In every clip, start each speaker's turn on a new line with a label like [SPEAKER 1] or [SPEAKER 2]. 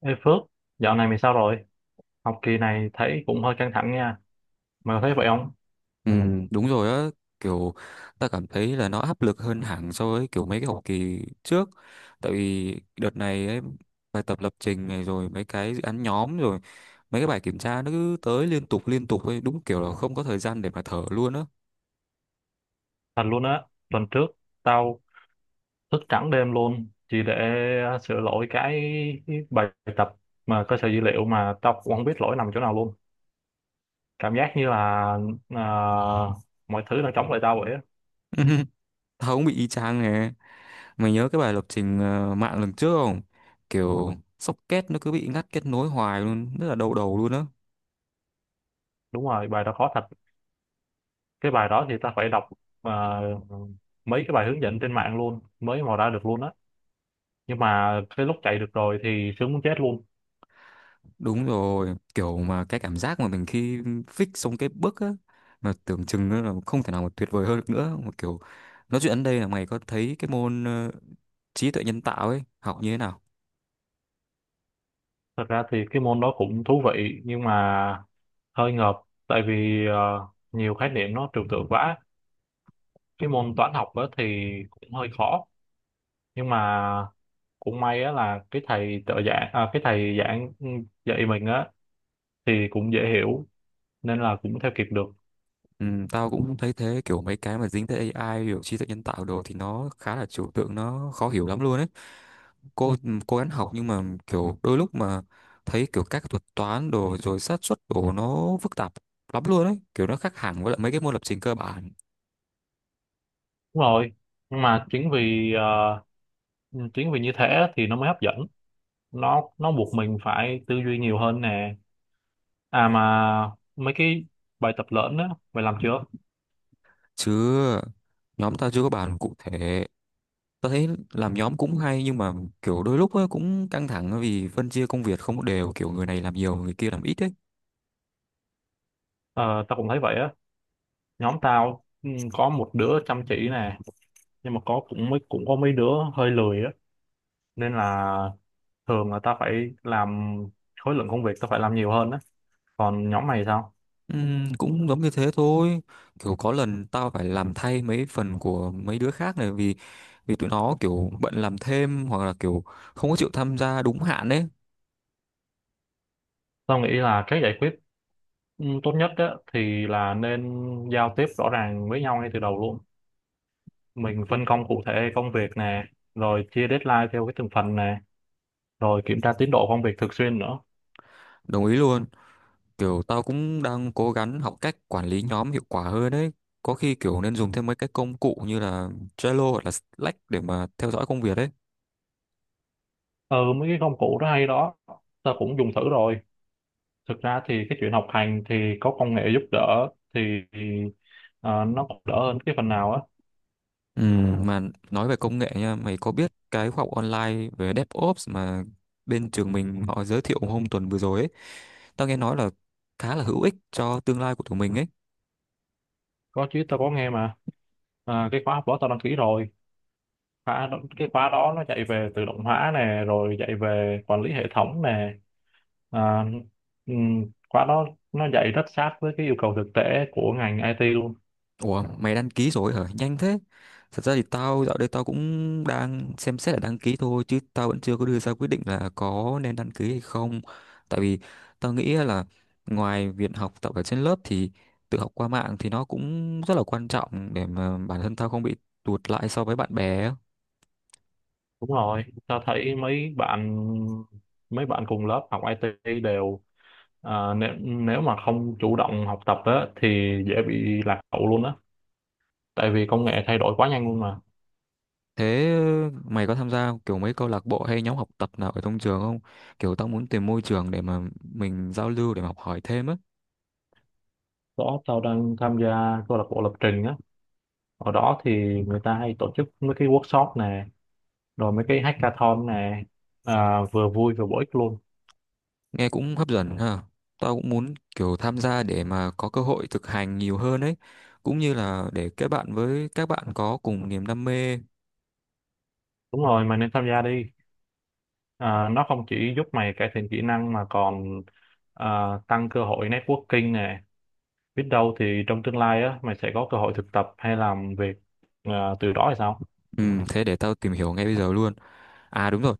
[SPEAKER 1] Ê Phước, dạo này mày sao rồi? Học kỳ này thấy cũng hơi căng thẳng nha. Mày có thấy vậy không?
[SPEAKER 2] Ừ, đúng rồi á, kiểu ta cảm thấy là nó áp lực hơn hẳn so với kiểu mấy cái học kỳ trước. Tại vì đợt này ấy, bài tập lập trình này rồi mấy cái dự án nhóm rồi mấy cái bài kiểm tra nó cứ tới liên tục ấy, đúng kiểu là không có thời gian để mà thở luôn á.
[SPEAKER 1] Thật luôn á, tuần trước tao thức trắng đêm luôn chỉ để sửa lỗi cái bài tập mà cơ sở dữ liệu mà tao cũng không biết lỗi nằm chỗ nào luôn. Cảm giác như là à, mọi thứ đang chống lại tao vậy á.
[SPEAKER 2] Tao cũng bị y chang nè. Mày nhớ cái bài lập trình mạng lần trước không? Kiểu socket nó cứ bị ngắt kết nối hoài luôn, rất là đau đầu luôn á.
[SPEAKER 1] Đúng rồi, bài đó khó thật. Cái bài đó thì tao phải đọc à, mấy cái bài hướng dẫn trên mạng luôn mới mò ra được luôn á. Nhưng mà cái lúc chạy được rồi thì sướng muốn chết luôn.
[SPEAKER 2] Đúng rồi, kiểu mà cái cảm giác mà mình khi fix xong cái bước á, mà tưởng chừng nó là không thể nào mà tuyệt vời hơn được nữa. Một kiểu, nói chuyện đến đây là mày có thấy cái môn trí tuệ nhân tạo ấy, học như thế nào?
[SPEAKER 1] Thật ra thì cái môn đó cũng thú vị nhưng mà hơi ngợp tại vì nhiều khái niệm nó trừu tượng quá. Cái môn toán học á thì cũng hơi khó nhưng mà cũng may á là cái thầy trợ giảng cái thầy giảng dạy mình á thì cũng dễ hiểu nên là cũng theo kịp được.
[SPEAKER 2] Ừ, tao cũng thấy thế, kiểu mấy cái mà dính tới AI, kiểu trí tuệ nhân tạo đồ thì nó khá là trừu tượng, nó khó hiểu lắm luôn ấy. Cô cố gắng học nhưng mà kiểu đôi lúc mà thấy kiểu các thuật toán đồ rồi xác suất đồ nó phức tạp lắm luôn ấy, kiểu nó khác hẳn với lại mấy cái môn lập trình cơ bản.
[SPEAKER 1] Đúng rồi. Nhưng mà chính vì chính vì như thế á, thì nó mới hấp dẫn. Nó buộc mình phải tư duy nhiều hơn nè. À mà mấy cái bài tập lớn á mày làm chưa?
[SPEAKER 2] Chứ nhóm tao chưa có bàn cụ thể. Tao thấy làm nhóm cũng hay nhưng mà kiểu đôi lúc ấy cũng căng thẳng vì phân chia công việc không có đều, kiểu người này làm nhiều người kia làm ít ấy.
[SPEAKER 1] Ờ, tao cũng thấy vậy á. Nhóm tao có một đứa chăm chỉ nè nhưng mà có mấy đứa hơi lười á, nên là thường là tao phải làm, khối lượng công việc tao phải làm nhiều hơn á. Còn nhóm mày sao?
[SPEAKER 2] Cũng giống như thế thôi, kiểu có lần tao phải làm thay mấy phần của mấy đứa khác này vì vì tụi nó kiểu bận làm thêm hoặc là kiểu không có chịu tham gia đúng hạn ấy.
[SPEAKER 1] Tao nghĩ là cái giải quyết tốt nhất á thì là nên giao tiếp rõ ràng với nhau ngay từ đầu luôn, mình phân công cụ thể công việc nè, rồi chia deadline theo cái từng phần nè, rồi kiểm tra tiến độ công việc thường xuyên nữa.
[SPEAKER 2] Đồng ý luôn. Kiểu tao cũng đang cố gắng học cách quản lý nhóm hiệu quả hơn đấy. Có khi kiểu nên dùng thêm mấy cái công cụ như là Trello hoặc là Slack để mà theo dõi công việc đấy.
[SPEAKER 1] Ừ, mấy cái công cụ đó hay đó, tao cũng dùng thử rồi. Thực ra thì cái chuyện học hành thì có công nghệ giúp đỡ thì ờ, nó cũng đỡ hơn cái phần nào á.
[SPEAKER 2] Ừ, mà nói về công nghệ nha, mày có biết cái khóa học online về DevOps mà bên trường mình họ giới thiệu hôm tuần vừa rồi ấy, tao nghe nói là khá là hữu ích cho tương lai của tụi mình ấy.
[SPEAKER 1] Có chứ, tao có nghe mà. À, cái khóa học đó tao đăng ký rồi. Cái khóa đó nó dạy về tự động hóa nè, rồi dạy về quản lý hệ thống nè, à, khóa đó nó dạy rất sát với cái yêu cầu thực tế của ngành IT luôn.
[SPEAKER 2] Ủa, mày đăng ký rồi hả? Nhanh thế. Thật ra thì tao dạo đây tao cũng đang xem xét là đăng ký thôi, chứ tao vẫn chưa có đưa ra quyết định là có nên đăng ký hay không. Tại vì tao nghĩ là ngoài việc học tập ở trên lớp thì tự học qua mạng thì nó cũng rất là quan trọng để mà bản thân tao không bị tụt lại so với bạn bè á.
[SPEAKER 1] Đúng rồi, tao thấy mấy bạn cùng lớp học IT đều nếu mà không chủ động học tập á, thì dễ bị lạc hậu luôn á, tại vì công nghệ thay đổi quá nhanh luôn mà.
[SPEAKER 2] Thế mày có tham gia kiểu mấy câu lạc bộ hay nhóm học tập nào ở trong trường không? Kiểu tao muốn tìm môi trường để mà mình giao lưu để mà học hỏi thêm á.
[SPEAKER 1] Đó, tao đang tham gia câu lạc bộ lập trình á, ở đó thì người ta hay tổ chức mấy cái workshop nè, rồi mấy cái hackathon nè, vừa vui vừa bổ ích luôn.
[SPEAKER 2] Nghe cũng hấp dẫn ha. Tao cũng muốn kiểu tham gia để mà có cơ hội thực hành nhiều hơn ấy. Cũng như là để kết bạn với các bạn có cùng niềm đam mê.
[SPEAKER 1] Đúng rồi, mày nên tham gia đi, nó không chỉ giúp mày cải thiện kỹ năng mà còn, tăng cơ hội networking nè, biết đâu thì trong tương lai á mày sẽ có cơ hội thực tập hay làm việc từ đó hay sao.
[SPEAKER 2] Ừ, thế để tao tìm hiểu ngay bây giờ luôn. À đúng rồi,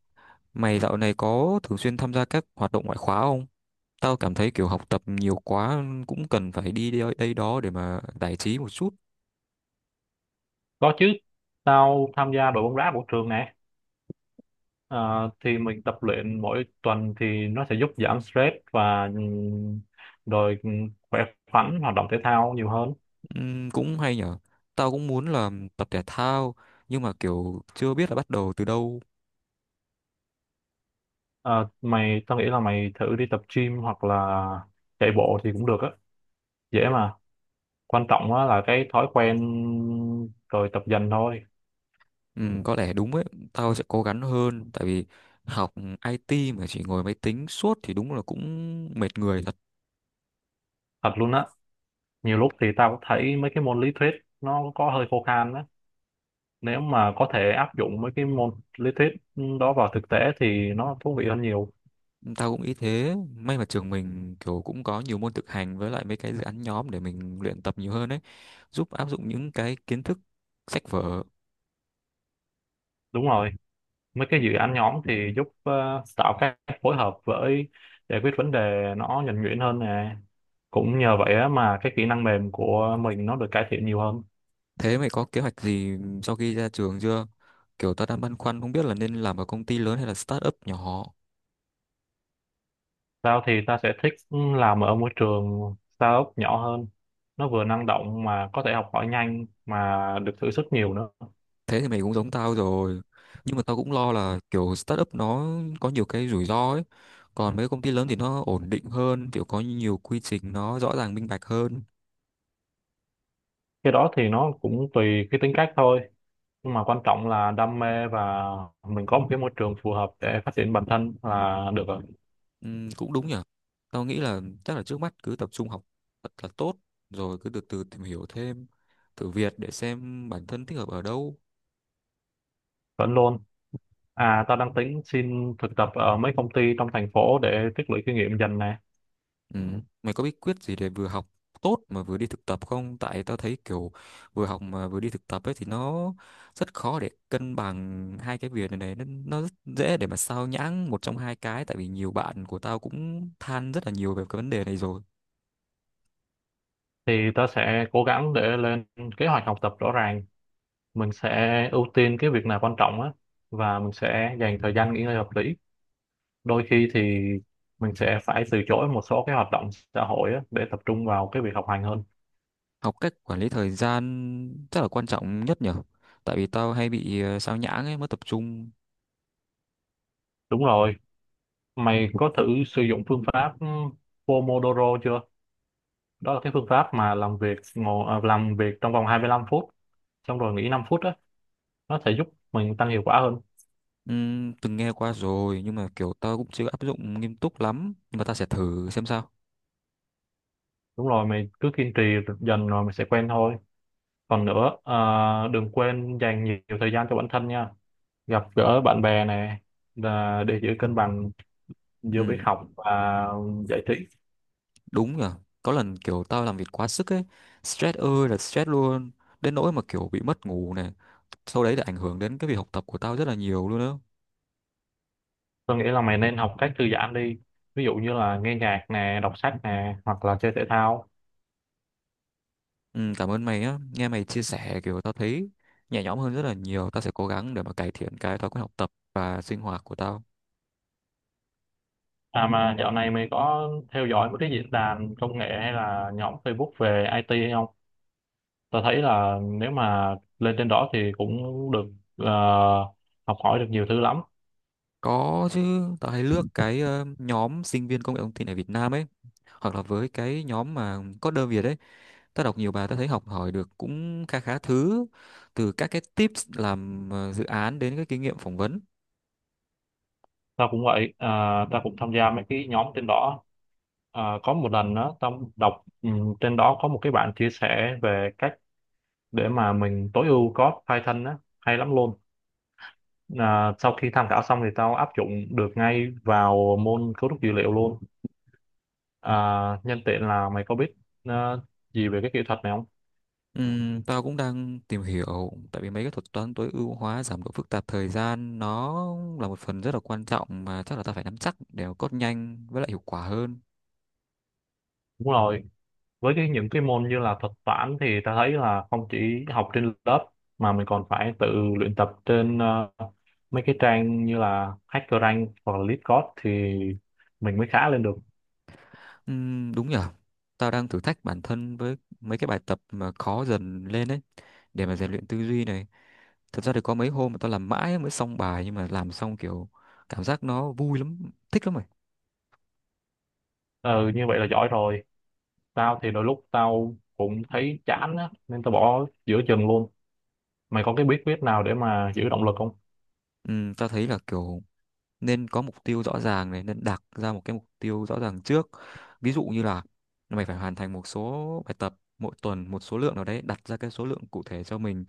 [SPEAKER 2] mày dạo này có thường xuyên tham gia các hoạt động ngoại khóa không? Tao cảm thấy kiểu học tập nhiều quá cũng cần phải đi đây đó để mà giải trí một chút.
[SPEAKER 1] Có chứ, tao tham gia đội bóng đá của trường nè. À, thì mình tập luyện mỗi tuần thì nó sẽ giúp giảm stress và rồi khỏe khoắn, hoạt động thể thao nhiều hơn.
[SPEAKER 2] Ừ, cũng hay nhở. Tao cũng muốn là tập thể thao nhưng mà kiểu chưa biết là bắt đầu từ đâu.
[SPEAKER 1] À, tao nghĩ là mày thử đi tập gym hoặc là chạy bộ thì cũng được á, dễ mà. Quan trọng á là cái thói quen rồi tập dần thôi.
[SPEAKER 2] Ừ, có lẽ đúng ấy, tao sẽ cố gắng hơn tại vì học IT mà chỉ ngồi máy tính suốt thì đúng là cũng mệt người thật.
[SPEAKER 1] Thật luôn á, nhiều lúc thì tao cũng thấy mấy cái môn lý thuyết nó có hơi khô khan á. Nếu mà có thể áp dụng mấy cái môn lý thuyết đó vào thực tế thì nó thú vị hơn nhiều.
[SPEAKER 2] Tao cũng ý thế, may mà trường mình kiểu cũng có nhiều môn thực hành với lại mấy cái dự án nhóm để mình luyện tập nhiều hơn ấy, giúp áp dụng những cái kiến thức sách vở.
[SPEAKER 1] Đúng rồi. Mấy cái dự án nhóm thì giúp tạo cách phối hợp với giải quyết vấn đề nó nhuần nhuyễn hơn nè, cũng nhờ vậy á mà cái kỹ năng mềm của mình nó được cải thiện nhiều hơn.
[SPEAKER 2] Thế mày có kế hoạch gì sau khi ra trường chưa? Kiểu tao đang băn khoăn không biết là nên làm ở công ty lớn hay là startup nhỏ.
[SPEAKER 1] Tao thì ta sẽ thích làm ở môi trường startup nhỏ hơn, nó vừa năng động mà có thể học hỏi nhanh mà được thử sức nhiều nữa.
[SPEAKER 2] Thế thì mày cũng giống tao rồi, nhưng mà tao cũng lo là kiểu startup nó có nhiều cái rủi ro ấy, còn mấy công ty lớn thì nó ổn định hơn, kiểu có nhiều quy trình nó rõ ràng minh bạch hơn.
[SPEAKER 1] Cái đó thì nó cũng tùy cái tính cách thôi, nhưng mà quan trọng là đam mê và mình có một cái môi trường phù hợp để phát triển bản thân là được rồi.
[SPEAKER 2] Cũng đúng nhở. Tao nghĩ là chắc là trước mắt cứ tập trung học thật là tốt, rồi cứ từ từ tìm hiểu thêm, thử việc để xem bản thân thích hợp ở đâu.
[SPEAKER 1] Vẫn luôn. À, tao đang tính xin thực tập ở mấy công ty trong thành phố để tích lũy kinh nghiệm dần nè.
[SPEAKER 2] Ừ. Mày có bí quyết gì để vừa học tốt mà vừa đi thực tập không? Tại tao thấy kiểu vừa học mà vừa đi thực tập ấy thì nó rất khó để cân bằng hai cái việc này này. Nó rất dễ để mà sao nhãng một trong hai cái. Tại vì nhiều bạn của tao cũng than rất là nhiều về cái vấn đề này rồi.
[SPEAKER 1] Thì tao sẽ cố gắng để lên kế hoạch học tập rõ ràng. Mình sẽ ưu tiên cái việc nào quan trọng á, và mình sẽ dành thời gian nghỉ ngơi hợp lý. Đôi khi thì mình sẽ phải từ chối một số cái hoạt động xã hội á để tập trung vào cái việc học hành hơn.
[SPEAKER 2] Học cách quản lý thời gian rất là quan trọng nhất nhở. Tại vì tao hay bị sao nhãng ấy, mất tập trung.
[SPEAKER 1] Đúng rồi. Mày có thử sử dụng phương pháp Pomodoro chưa? Đó là cái phương pháp mà làm việc làm việc trong vòng 25 phút xong rồi nghỉ 5 phút á, nó sẽ giúp mình tăng hiệu quả hơn.
[SPEAKER 2] Từng nghe qua rồi nhưng mà kiểu tao cũng chưa áp dụng nghiêm túc lắm. Nhưng mà tao sẽ thử xem sao.
[SPEAKER 1] Đúng rồi, mày cứ kiên trì dần rồi mày sẽ quen thôi. Còn nữa đừng quên dành nhiều, thời gian cho bản thân nha, gặp gỡ bạn bè này, là để giữ cân bằng giữa việc
[SPEAKER 2] Ừ.
[SPEAKER 1] học và giải trí.
[SPEAKER 2] Đúng rồi. Có lần kiểu tao làm việc quá sức ấy, stress ơi là stress luôn, đến nỗi mà kiểu bị mất ngủ này. Sau đấy là ảnh hưởng đến cái việc học tập của tao rất là nhiều luôn đó.
[SPEAKER 1] Tôi nghĩ là mày nên học cách thư giãn đi, ví dụ như là nghe nhạc nè, đọc sách nè, hoặc là chơi thể thao.
[SPEAKER 2] Ừ, cảm ơn mày á, nghe mày chia sẻ kiểu tao thấy nhẹ nhõm hơn rất là nhiều, tao sẽ cố gắng để mà cải thiện cái thói quen học tập và sinh hoạt của tao.
[SPEAKER 1] À mà dạo này mày có theo dõi mấy cái diễn đàn công nghệ hay là nhóm Facebook về IT hay không? Tôi thấy là nếu mà lên trên đó thì cũng được ờ, học hỏi được nhiều thứ lắm.
[SPEAKER 2] Có chứ, tao hay lướt cái nhóm sinh viên công nghệ thông tin ở Việt Nam ấy, hoặc là với cái nhóm mà coder Việt ấy. Tớ đọc nhiều bài tớ thấy học hỏi được cũng khá khá thứ, từ các cái tips làm dự án đến cái kinh nghiệm phỏng vấn.
[SPEAKER 1] Tao cũng vậy à, tao cũng tham gia mấy cái nhóm trên đó. Có một lần đó tao đọc trên đó có một cái bạn chia sẻ về cách để mà mình tối ưu code Python á, hay lắm luôn. Sau khi tham khảo xong thì tao áp dụng được ngay vào môn cấu trúc dữ liệu luôn. à, Nhân tiện là mày có biết ờ, gì về cái kỹ thuật này không?
[SPEAKER 2] Tao cũng đang tìm hiểu tại vì mấy cái thuật toán tối ưu hóa giảm độ phức tạp thời gian nó là một phần rất là quan trọng, mà chắc là tao phải nắm chắc để mà code nhanh với lại hiệu quả hơn.
[SPEAKER 1] Đúng rồi, với cái những cái môn như là thuật toán thì ta thấy là không chỉ học trên lớp mà mình còn phải tự luyện tập trên mấy cái trang như là HackerRank hoặc là LeetCode thì mình mới khá lên được.
[SPEAKER 2] Đúng nhở. Tao đang thử thách bản thân với mấy cái bài tập mà khó dần lên đấy để mà rèn luyện tư duy này. Thật ra thì có mấy hôm mà tao làm mãi mới xong bài nhưng mà làm xong kiểu cảm giác nó vui lắm, thích lắm.
[SPEAKER 1] Ừ, như vậy là giỏi rồi. Tao thì đôi lúc tao cũng thấy chán á, nên tao bỏ giữa chừng luôn. Mày có cái bí quyết nào để mà giữ động lực không?
[SPEAKER 2] Ừ, tao thấy là kiểu nên có mục tiêu rõ ràng này, nên đặt ra một cái mục tiêu rõ ràng trước. Ví dụ như là mày phải hoàn thành một số bài tập mỗi tuần, một số lượng nào đấy, đặt ra cái số lượng cụ thể cho mình,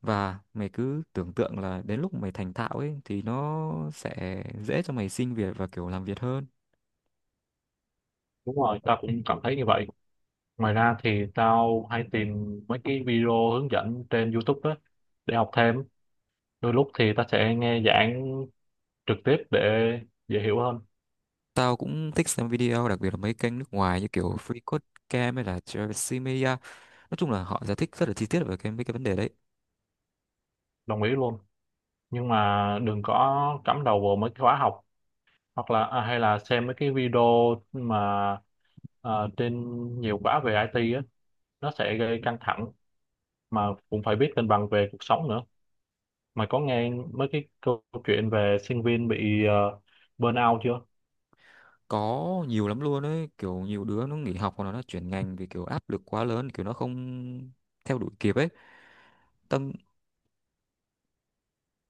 [SPEAKER 2] và mày cứ tưởng tượng là đến lúc mày thành thạo ấy thì nó sẽ dễ cho mày xin việc và kiểu làm việc hơn.
[SPEAKER 1] Đúng rồi, tao cũng cảm thấy như vậy. Ngoài ra thì tao hay tìm mấy cái video hướng dẫn trên YouTube á để học thêm, đôi lúc thì ta sẽ nghe giảng trực tiếp để dễ hiểu hơn.
[SPEAKER 2] Tao cũng thích xem video, đặc biệt là mấy kênh nước ngoài như kiểu Free Code Camp hay là Travis Media. Nói chung là họ giải thích rất là chi tiết về cái mấy cái vấn đề đấy.
[SPEAKER 1] Đồng ý luôn, nhưng mà đừng có cắm đầu vào mấy cái khóa học hoặc là hay là xem mấy cái video mà à, trên nhiều khóa về IT á, nó sẽ gây căng thẳng, mà cũng phải biết cân bằng về cuộc sống nữa. Mà có nghe mấy cái câu chuyện về sinh viên bị burnout chưa?
[SPEAKER 2] Có nhiều lắm luôn ấy, kiểu nhiều đứa nó nghỉ học hoặc là nó chuyển ngành vì kiểu áp lực quá lớn, kiểu nó không theo đuổi kịp ấy. Tâm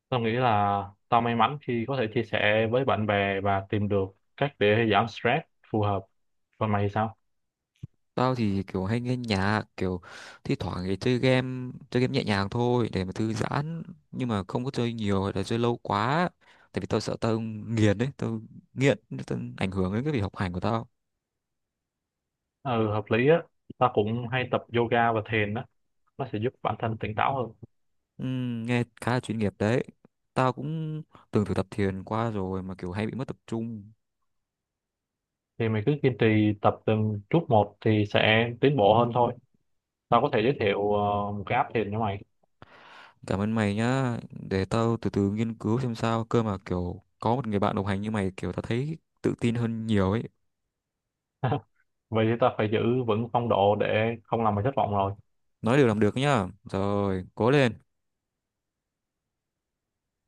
[SPEAKER 1] Tao nghĩ là tao may mắn khi có thể chia sẻ với bạn bè và tìm được cách để giảm stress phù hợp. Còn mày thì sao?
[SPEAKER 2] tao thì kiểu hay nghe nhạc, kiểu thi thoảng thì chơi game nhẹ nhàng thôi để mà thư giãn, nhưng mà không có chơi nhiều hay là chơi lâu quá, tại vì tao sợ tao nghiền ấy, tao nghiện, tao ảnh hưởng đến cái việc học hành của tao.
[SPEAKER 1] Ừ, hợp lý á. Ta cũng hay tập yoga và thiền á, nó sẽ giúp bản thân tỉnh táo hơn.
[SPEAKER 2] Nghe khá là chuyên nghiệp đấy. Tao cũng từng thử tập thiền qua rồi mà kiểu hay bị mất tập trung.
[SPEAKER 1] Thì mày cứ kiên trì tập từng chút một thì sẽ tiến bộ hơn thôi. Tao có thể giới thiệu một cái app thiền cho mày.
[SPEAKER 2] Cảm ơn mày nhá, để tao từ từ nghiên cứu xem sao, cơ mà kiểu có một người bạn đồng hành như mày kiểu tao thấy tự tin hơn nhiều ấy.
[SPEAKER 1] Vậy thì ta phải giữ vững phong độ để không làm mày thất vọng rồi.
[SPEAKER 2] Nói được làm được nhá. Rồi, cố lên.